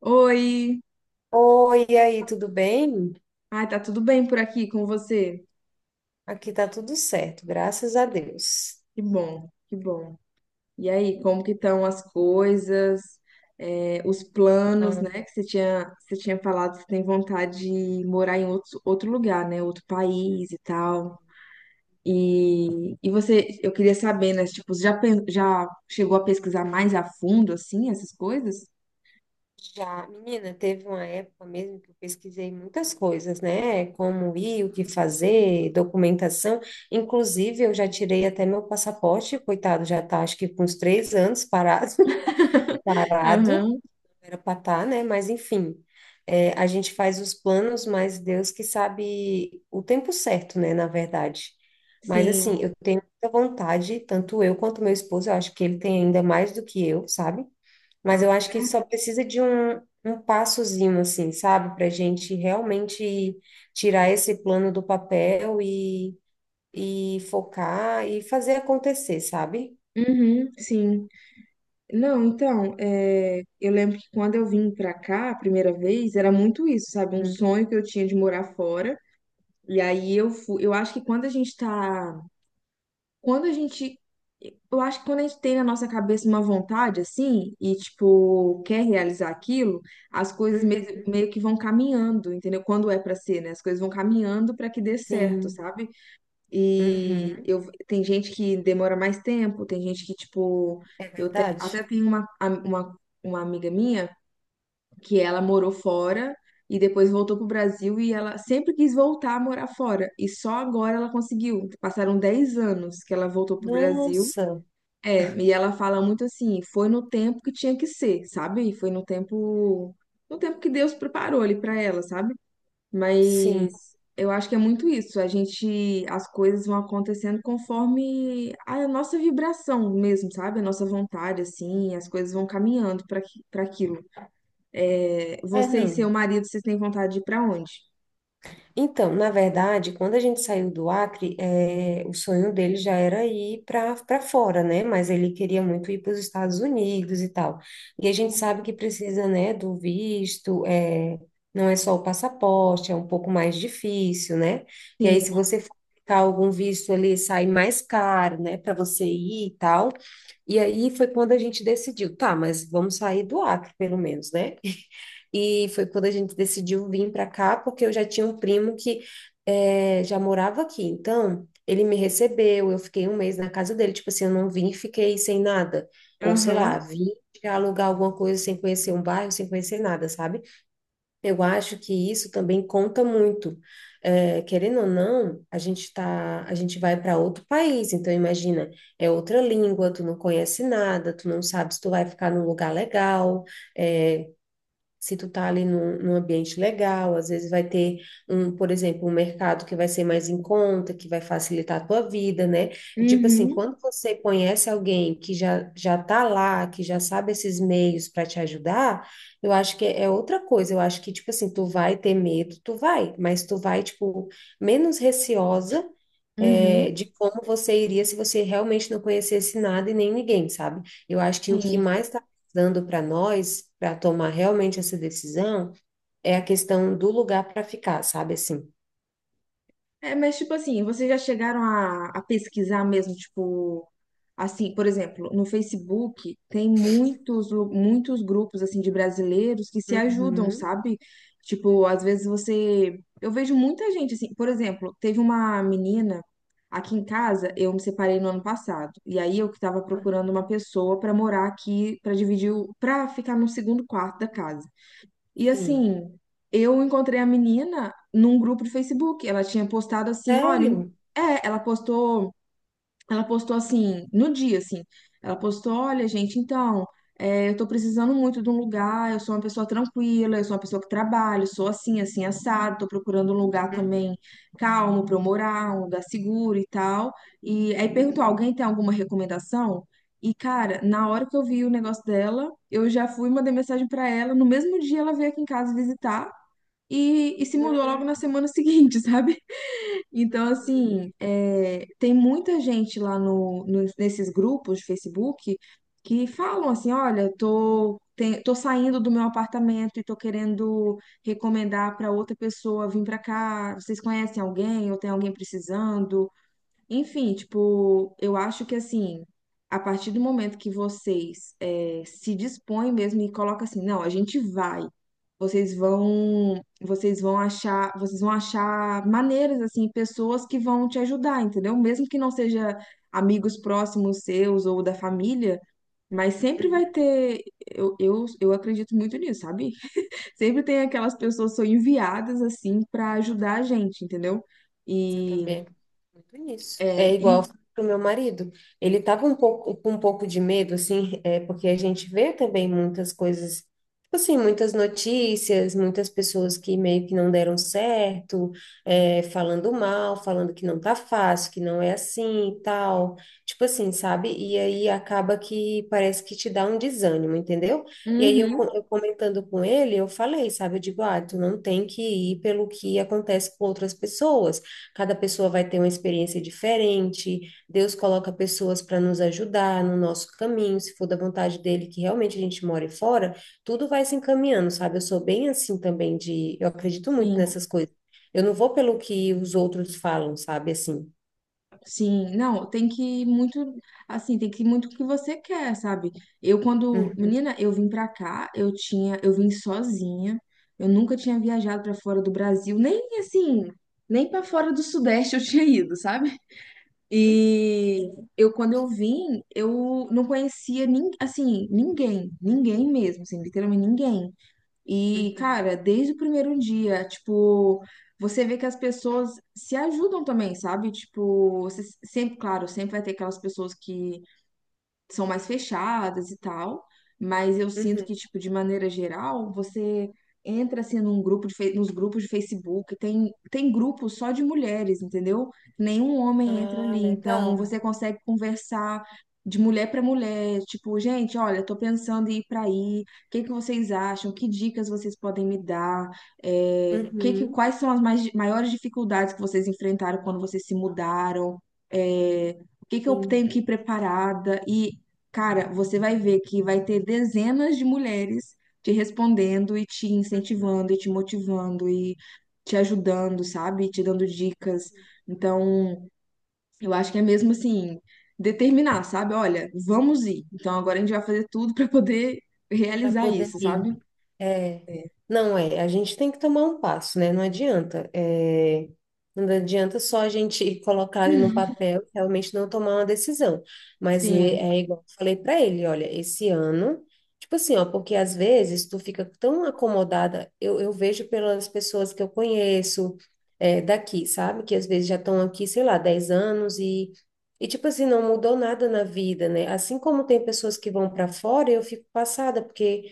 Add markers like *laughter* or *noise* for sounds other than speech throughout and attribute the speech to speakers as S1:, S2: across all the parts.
S1: Oi!
S2: Oi, e aí, tudo bem?
S1: Ai, tá tudo bem por aqui com você?
S2: Aqui tá tudo certo, graças a Deus.
S1: Que bom, que bom. E aí, como que estão as coisas, os planos,
S2: Ah,
S1: né? Que você tinha falado que você tem vontade de morar em outro lugar, né? Outro país e tal. E você, eu queria saber, né? Tipo, você já chegou a pesquisar mais a fundo, assim, essas coisas?
S2: já, menina, teve uma época mesmo que eu pesquisei muitas coisas, né? Como ir, o que fazer, documentação. Inclusive, eu já tirei até meu passaporte, coitado, já tá acho que com uns 3 anos parado, *laughs* parado.
S1: Aham,
S2: Era pra tá, né? Mas enfim, é, a gente faz os planos, mas Deus que sabe o tempo certo, né? Na verdade. Mas
S1: sim.
S2: assim, eu tenho muita vontade, tanto eu quanto meu esposo, eu acho que ele tem ainda mais do que eu, sabe? Mas
S1: Ah,
S2: eu acho que só precisa de um passozinho, assim, sabe? Pra gente realmente tirar esse plano do papel e focar e fazer acontecer, sabe?
S1: é? Uhum, sim. Não, então, eu lembro que quando eu vim pra cá a primeira vez, era muito isso, sabe? Um
S2: Uhum,
S1: sonho que eu tinha de morar fora. E aí eu acho que quando a gente tá, quando a gente, eu acho que quando a gente tem na nossa cabeça uma vontade assim e tipo quer realizar aquilo, as coisas meio,
S2: uhum,
S1: meio que vão caminhando, entendeu? Quando é pra ser, né? As coisas vão caminhando pra que dê certo,
S2: sim,
S1: sabe?
S2: uhum,
S1: Tem gente que demora mais tempo, tem gente que, tipo,
S2: é
S1: até
S2: verdade.
S1: tenho uma amiga minha que ela morou fora e depois voltou pro Brasil e ela sempre quis voltar a morar fora. E só agora ela conseguiu. Passaram 10 anos que ela voltou pro Brasil.
S2: Nossa,
S1: E ela fala muito assim, foi no tempo que tinha que ser, sabe? Foi no tempo que Deus preparou ali pra ela, sabe? Mas
S2: sim.
S1: eu acho que é muito isso. As coisas vão acontecendo conforme a nossa vibração mesmo, sabe? A nossa vontade, assim, as coisas vão caminhando para aquilo.
S2: É,
S1: Você e seu
S2: não.
S1: marido, vocês têm vontade de ir para onde?
S2: Então, na verdade, quando a gente saiu do Acre, é, o sonho dele já era ir para fora, né? Mas ele queria muito ir para os Estados Unidos e tal. E a gente sabe que precisa, né, do visto, é, não é só o passaporte, é um pouco mais difícil, né? E aí,
S1: Sim.
S2: se você for aplicar algum visto ali, sai mais caro, né, para você ir e tal. E aí foi quando a gente decidiu, tá, mas vamos sair do Acre, pelo menos, né? E foi quando a gente decidiu vir para cá, porque eu já tinha um primo que já morava aqui. Então, ele me recebeu, eu fiquei um mês na casa dele. Tipo assim, eu não vim e fiquei sem nada. Ou sei
S1: Aham.
S2: lá, vim pra alugar alguma coisa sem conhecer um bairro, sem conhecer nada, sabe? Eu acho que isso também conta muito. Querendo ou não, a gente tá, a gente vai para outro país. Então, imagina, é outra língua, tu não conhece nada, tu não sabe se tu vai ficar num lugar legal. eh, Se tu tá ali num, num ambiente legal, às vezes vai ter um, por exemplo, um mercado que vai ser mais em conta, que vai facilitar a tua vida, né? E, tipo assim,
S1: Uhum.
S2: quando você conhece alguém que já tá lá, que já sabe esses meios para te ajudar, eu acho que é outra coisa. Eu acho que tipo assim, tu vai ter medo, tu vai, mas tu vai tipo menos receosa é,
S1: Uhum.
S2: de como você iria se você realmente não conhecesse nada e nem ninguém, sabe? Eu acho que o que
S1: Sim.
S2: mais está dando para nós, para tomar realmente essa decisão, é a questão do lugar para ficar, sabe assim?
S1: Mas tipo assim, vocês já chegaram a pesquisar mesmo, tipo, assim, por exemplo, no Facebook tem muitos grupos, assim, de brasileiros que se ajudam,
S2: Uhum.
S1: sabe? Tipo, às vezes você... Eu vejo muita gente, assim, por exemplo, teve uma menina aqui em casa, eu me separei no ano passado, e aí eu que tava
S2: Aham.
S1: procurando uma pessoa pra morar aqui, pra dividir, pra ficar no segundo quarto da casa. E
S2: Sim.
S1: assim, eu encontrei a menina num grupo de Facebook. Ela tinha postado assim, olha,
S2: Sério?
S1: ela postou. Ela postou assim, no dia, assim. Ela postou: olha, gente, então, eu tô precisando muito de um lugar. Eu sou uma pessoa tranquila, eu sou uma pessoa que trabalho, sou assim, assim, assado. Tô procurando um lugar também calmo pra eu morar, um lugar seguro e tal. E aí perguntou: alguém tem alguma recomendação? E, cara, na hora que eu vi o negócio dela, eu já fui, mandei mensagem pra ela. No mesmo dia, ela veio aqui em casa visitar e se mudou logo na
S2: Uhum.
S1: semana seguinte, *laughs* sabe? Então,
S2: Uhum.
S1: assim, tem muita gente lá nesses grupos de Facebook que falam assim, olha, tô saindo do meu apartamento e tô querendo recomendar para outra pessoa vir para cá. Vocês conhecem alguém ou tem alguém precisando? Enfim, tipo, eu acho que assim, a partir do momento que vocês se dispõem mesmo e colocam assim, não, a gente vai. Vocês vão achar maneiras assim, pessoas que vão te ajudar, entendeu? Mesmo que não seja amigos próximos seus ou da família, mas sempre vai
S2: Uhum.
S1: ter, eu acredito muito nisso, sabe? *laughs* Sempre tem aquelas pessoas que são enviadas assim para ajudar a gente, entendeu?
S2: Mas eu
S1: E,
S2: também acredito muito nisso. É
S1: é,
S2: igual
S1: e-
S2: pro meu marido. Ele tava um pouco com um pouco de medo, assim, é porque a gente vê também muitas coisas, tipo assim, muitas notícias, muitas pessoas que meio que não deram certo, é, falando mal, falando que não tá fácil, que não é assim e tal. Tipo assim, sabe? E aí acaba que parece que te dá um desânimo, entendeu? E aí eu, co-
S1: Uhum.
S2: eu comentando com ele, eu falei, sabe? Eu digo, ah, tu não tem que ir pelo que acontece com outras pessoas. Cada pessoa vai ter uma experiência diferente. Deus coloca pessoas para nos ajudar no nosso caminho, se for da vontade dele que realmente a gente more fora, tudo vai se encaminhando, sabe? Eu sou bem assim também de, eu acredito muito
S1: Sim,
S2: nessas coisas. Eu não vou pelo que os outros falam, sabe assim.
S1: sim. Não, tem que ir muito, assim, tem que ir muito o que você quer, sabe?
S2: Uhum,
S1: Menina, eu vim pra cá, eu vim sozinha. Eu nunca tinha viajado pra fora do Brasil, nem assim, nem pra fora do Sudeste eu *laughs* tinha ido, sabe? E eu quando eu vim, eu não conhecia assim, ninguém, ninguém mesmo, assim, literalmente ninguém. E,
S2: uhum,
S1: cara, desde o primeiro dia, tipo, você vê que as pessoas se ajudam também, sabe? Tipo, você sempre, claro, sempre vai ter aquelas pessoas que são mais fechadas e tal, mas eu sinto
S2: uhum.
S1: que, tipo, de maneira geral, você entra, assim, num grupo de, fe- nos grupos de Facebook, tem grupo só de mulheres, entendeu? Nenhum homem entra
S2: Ah,
S1: ali, então
S2: legal.
S1: você consegue conversar de mulher para mulher, tipo, gente, olha, tô pensando em ir para aí, o que que vocês acham? Que dicas vocês podem me dar?
S2: Uhum,
S1: Quais são as maiores dificuldades que vocês enfrentaram quando vocês se mudaram? É, o que que eu tenho
S2: sim.
S1: que ir preparada? E cara, você vai ver que vai ter dezenas de mulheres te respondendo e te incentivando e te motivando e te ajudando, sabe? E te dando dicas. Então, eu acho que é mesmo assim, determinar, sabe? Olha, vamos ir. Então, agora a gente vai fazer tudo para poder
S2: Para
S1: realizar
S2: poder
S1: isso,
S2: ir.
S1: sabe?
S2: É,
S1: É.
S2: não é, a gente tem que tomar um passo, né? Não adianta. É, não adianta só a gente *laughs* colocar ali no papel e realmente não tomar uma decisão. Mas é,
S1: Sim.
S2: é igual eu falei para ele, olha, esse ano, tipo assim, ó, porque às vezes tu fica tão acomodada, eu vejo pelas pessoas que eu conheço é, daqui, sabe? Que às vezes já estão aqui, sei lá, 10 anos e. E, tipo assim, não mudou nada na vida, né? Assim como tem pessoas que vão para fora, eu fico passada, porque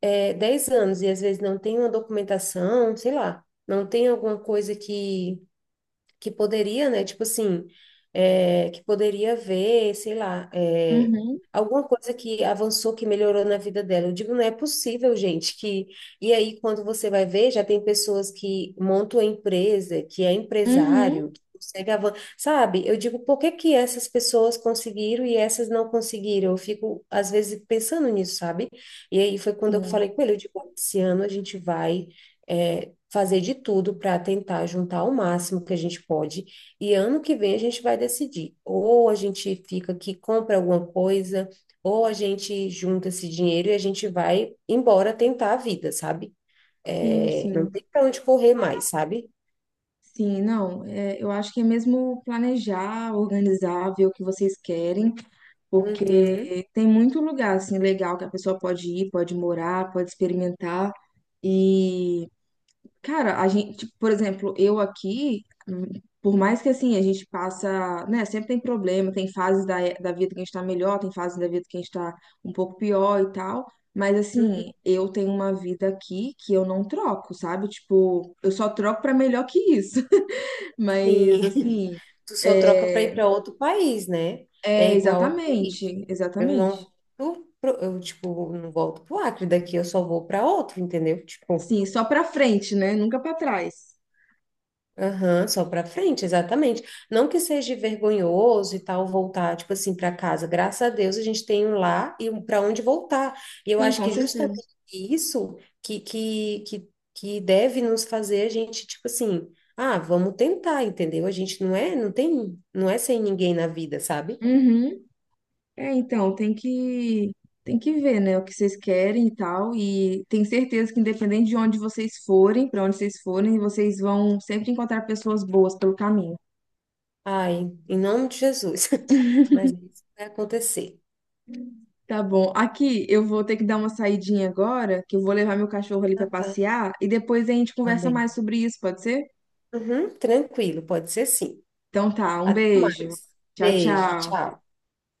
S2: é, 10 anos e às vezes não tem uma documentação, sei lá, não tem alguma coisa que poderia, né? Tipo assim, é, que poderia ver, sei lá, é,
S1: Uhum.
S2: alguma coisa que avançou, que melhorou na vida dela. Eu digo, não é possível, gente, que... E aí, quando você vai ver, já tem pessoas que montam a empresa, que é
S1: Uhum.
S2: empresário, que consegue avançar. Sabe? Eu digo, por que que essas pessoas conseguiram e essas não conseguiram? Eu fico, às vezes, pensando nisso, sabe? E aí foi quando eu
S1: Sim,
S2: falei com ele, eu digo, esse ano a gente vai... eh, fazer de tudo para tentar juntar o máximo que a gente pode. E ano que vem a gente vai decidir. Ou a gente fica aqui, compra alguma coisa, ou a gente junta esse dinheiro e a gente vai embora tentar a vida, sabe?
S1: sim,
S2: É, não
S1: sim.
S2: tem para onde correr mais, sabe?
S1: Sim, não, eu acho que é mesmo planejar, organizar, ver o que vocês querem
S2: Uhum,
S1: porque tem muito lugar assim legal que a pessoa pode ir, pode morar, pode experimentar. E, cara, a gente, tipo, por exemplo, eu aqui, hum, por mais que assim a gente passa, né, sempre tem problema, tem fases da vida que a gente tá melhor, tem fases da vida que a gente tá um pouco pior e tal. Mas
S2: uhum,
S1: assim, eu tenho uma vida aqui que eu não troco, sabe? Tipo, eu só troco pra melhor que isso. *laughs* Mas
S2: sim. *laughs*
S1: assim,
S2: Tu só troca para ir
S1: é,
S2: para outro país, né? É
S1: é
S2: igual aqui.
S1: exatamente,
S2: Tipo, eu não
S1: exatamente.
S2: volto pro, eu, tipo, não volto pro Acre daqui, eu só vou para outro, entendeu? Tipo,
S1: Sim, só pra frente, né? Nunca pra trás.
S2: aham, só para frente, exatamente. Não que seja vergonhoso e tal voltar, tipo assim, para casa. Graças a Deus a gente tem um lar e um para onde voltar. E eu
S1: Sim,
S2: acho
S1: com
S2: que
S1: certeza.
S2: justamente isso que deve nos fazer a gente, tipo assim, ah, vamos tentar, entendeu? A gente não é, não tem, não é sem ninguém na vida, sabe?
S1: Uhum. É, então, tem que ver, né, o que vocês querem e tal, e tenho certeza que independente de onde vocês forem, pra onde vocês forem, vocês vão sempre encontrar pessoas boas pelo caminho.
S2: Ai, em nome de Jesus. *laughs* Mas isso vai acontecer.
S1: Tá bom. Aqui eu vou ter que dar uma saidinha agora, que eu vou levar meu cachorro ali pra
S2: Ah, tá.
S1: passear e depois a gente conversa mais
S2: Amém.
S1: sobre isso, pode ser?
S2: Uhum, tranquilo, pode ser sim.
S1: Então tá, um
S2: Até
S1: beijo.
S2: mais.
S1: Tchau,
S2: Beijo,
S1: tchau.
S2: tchau.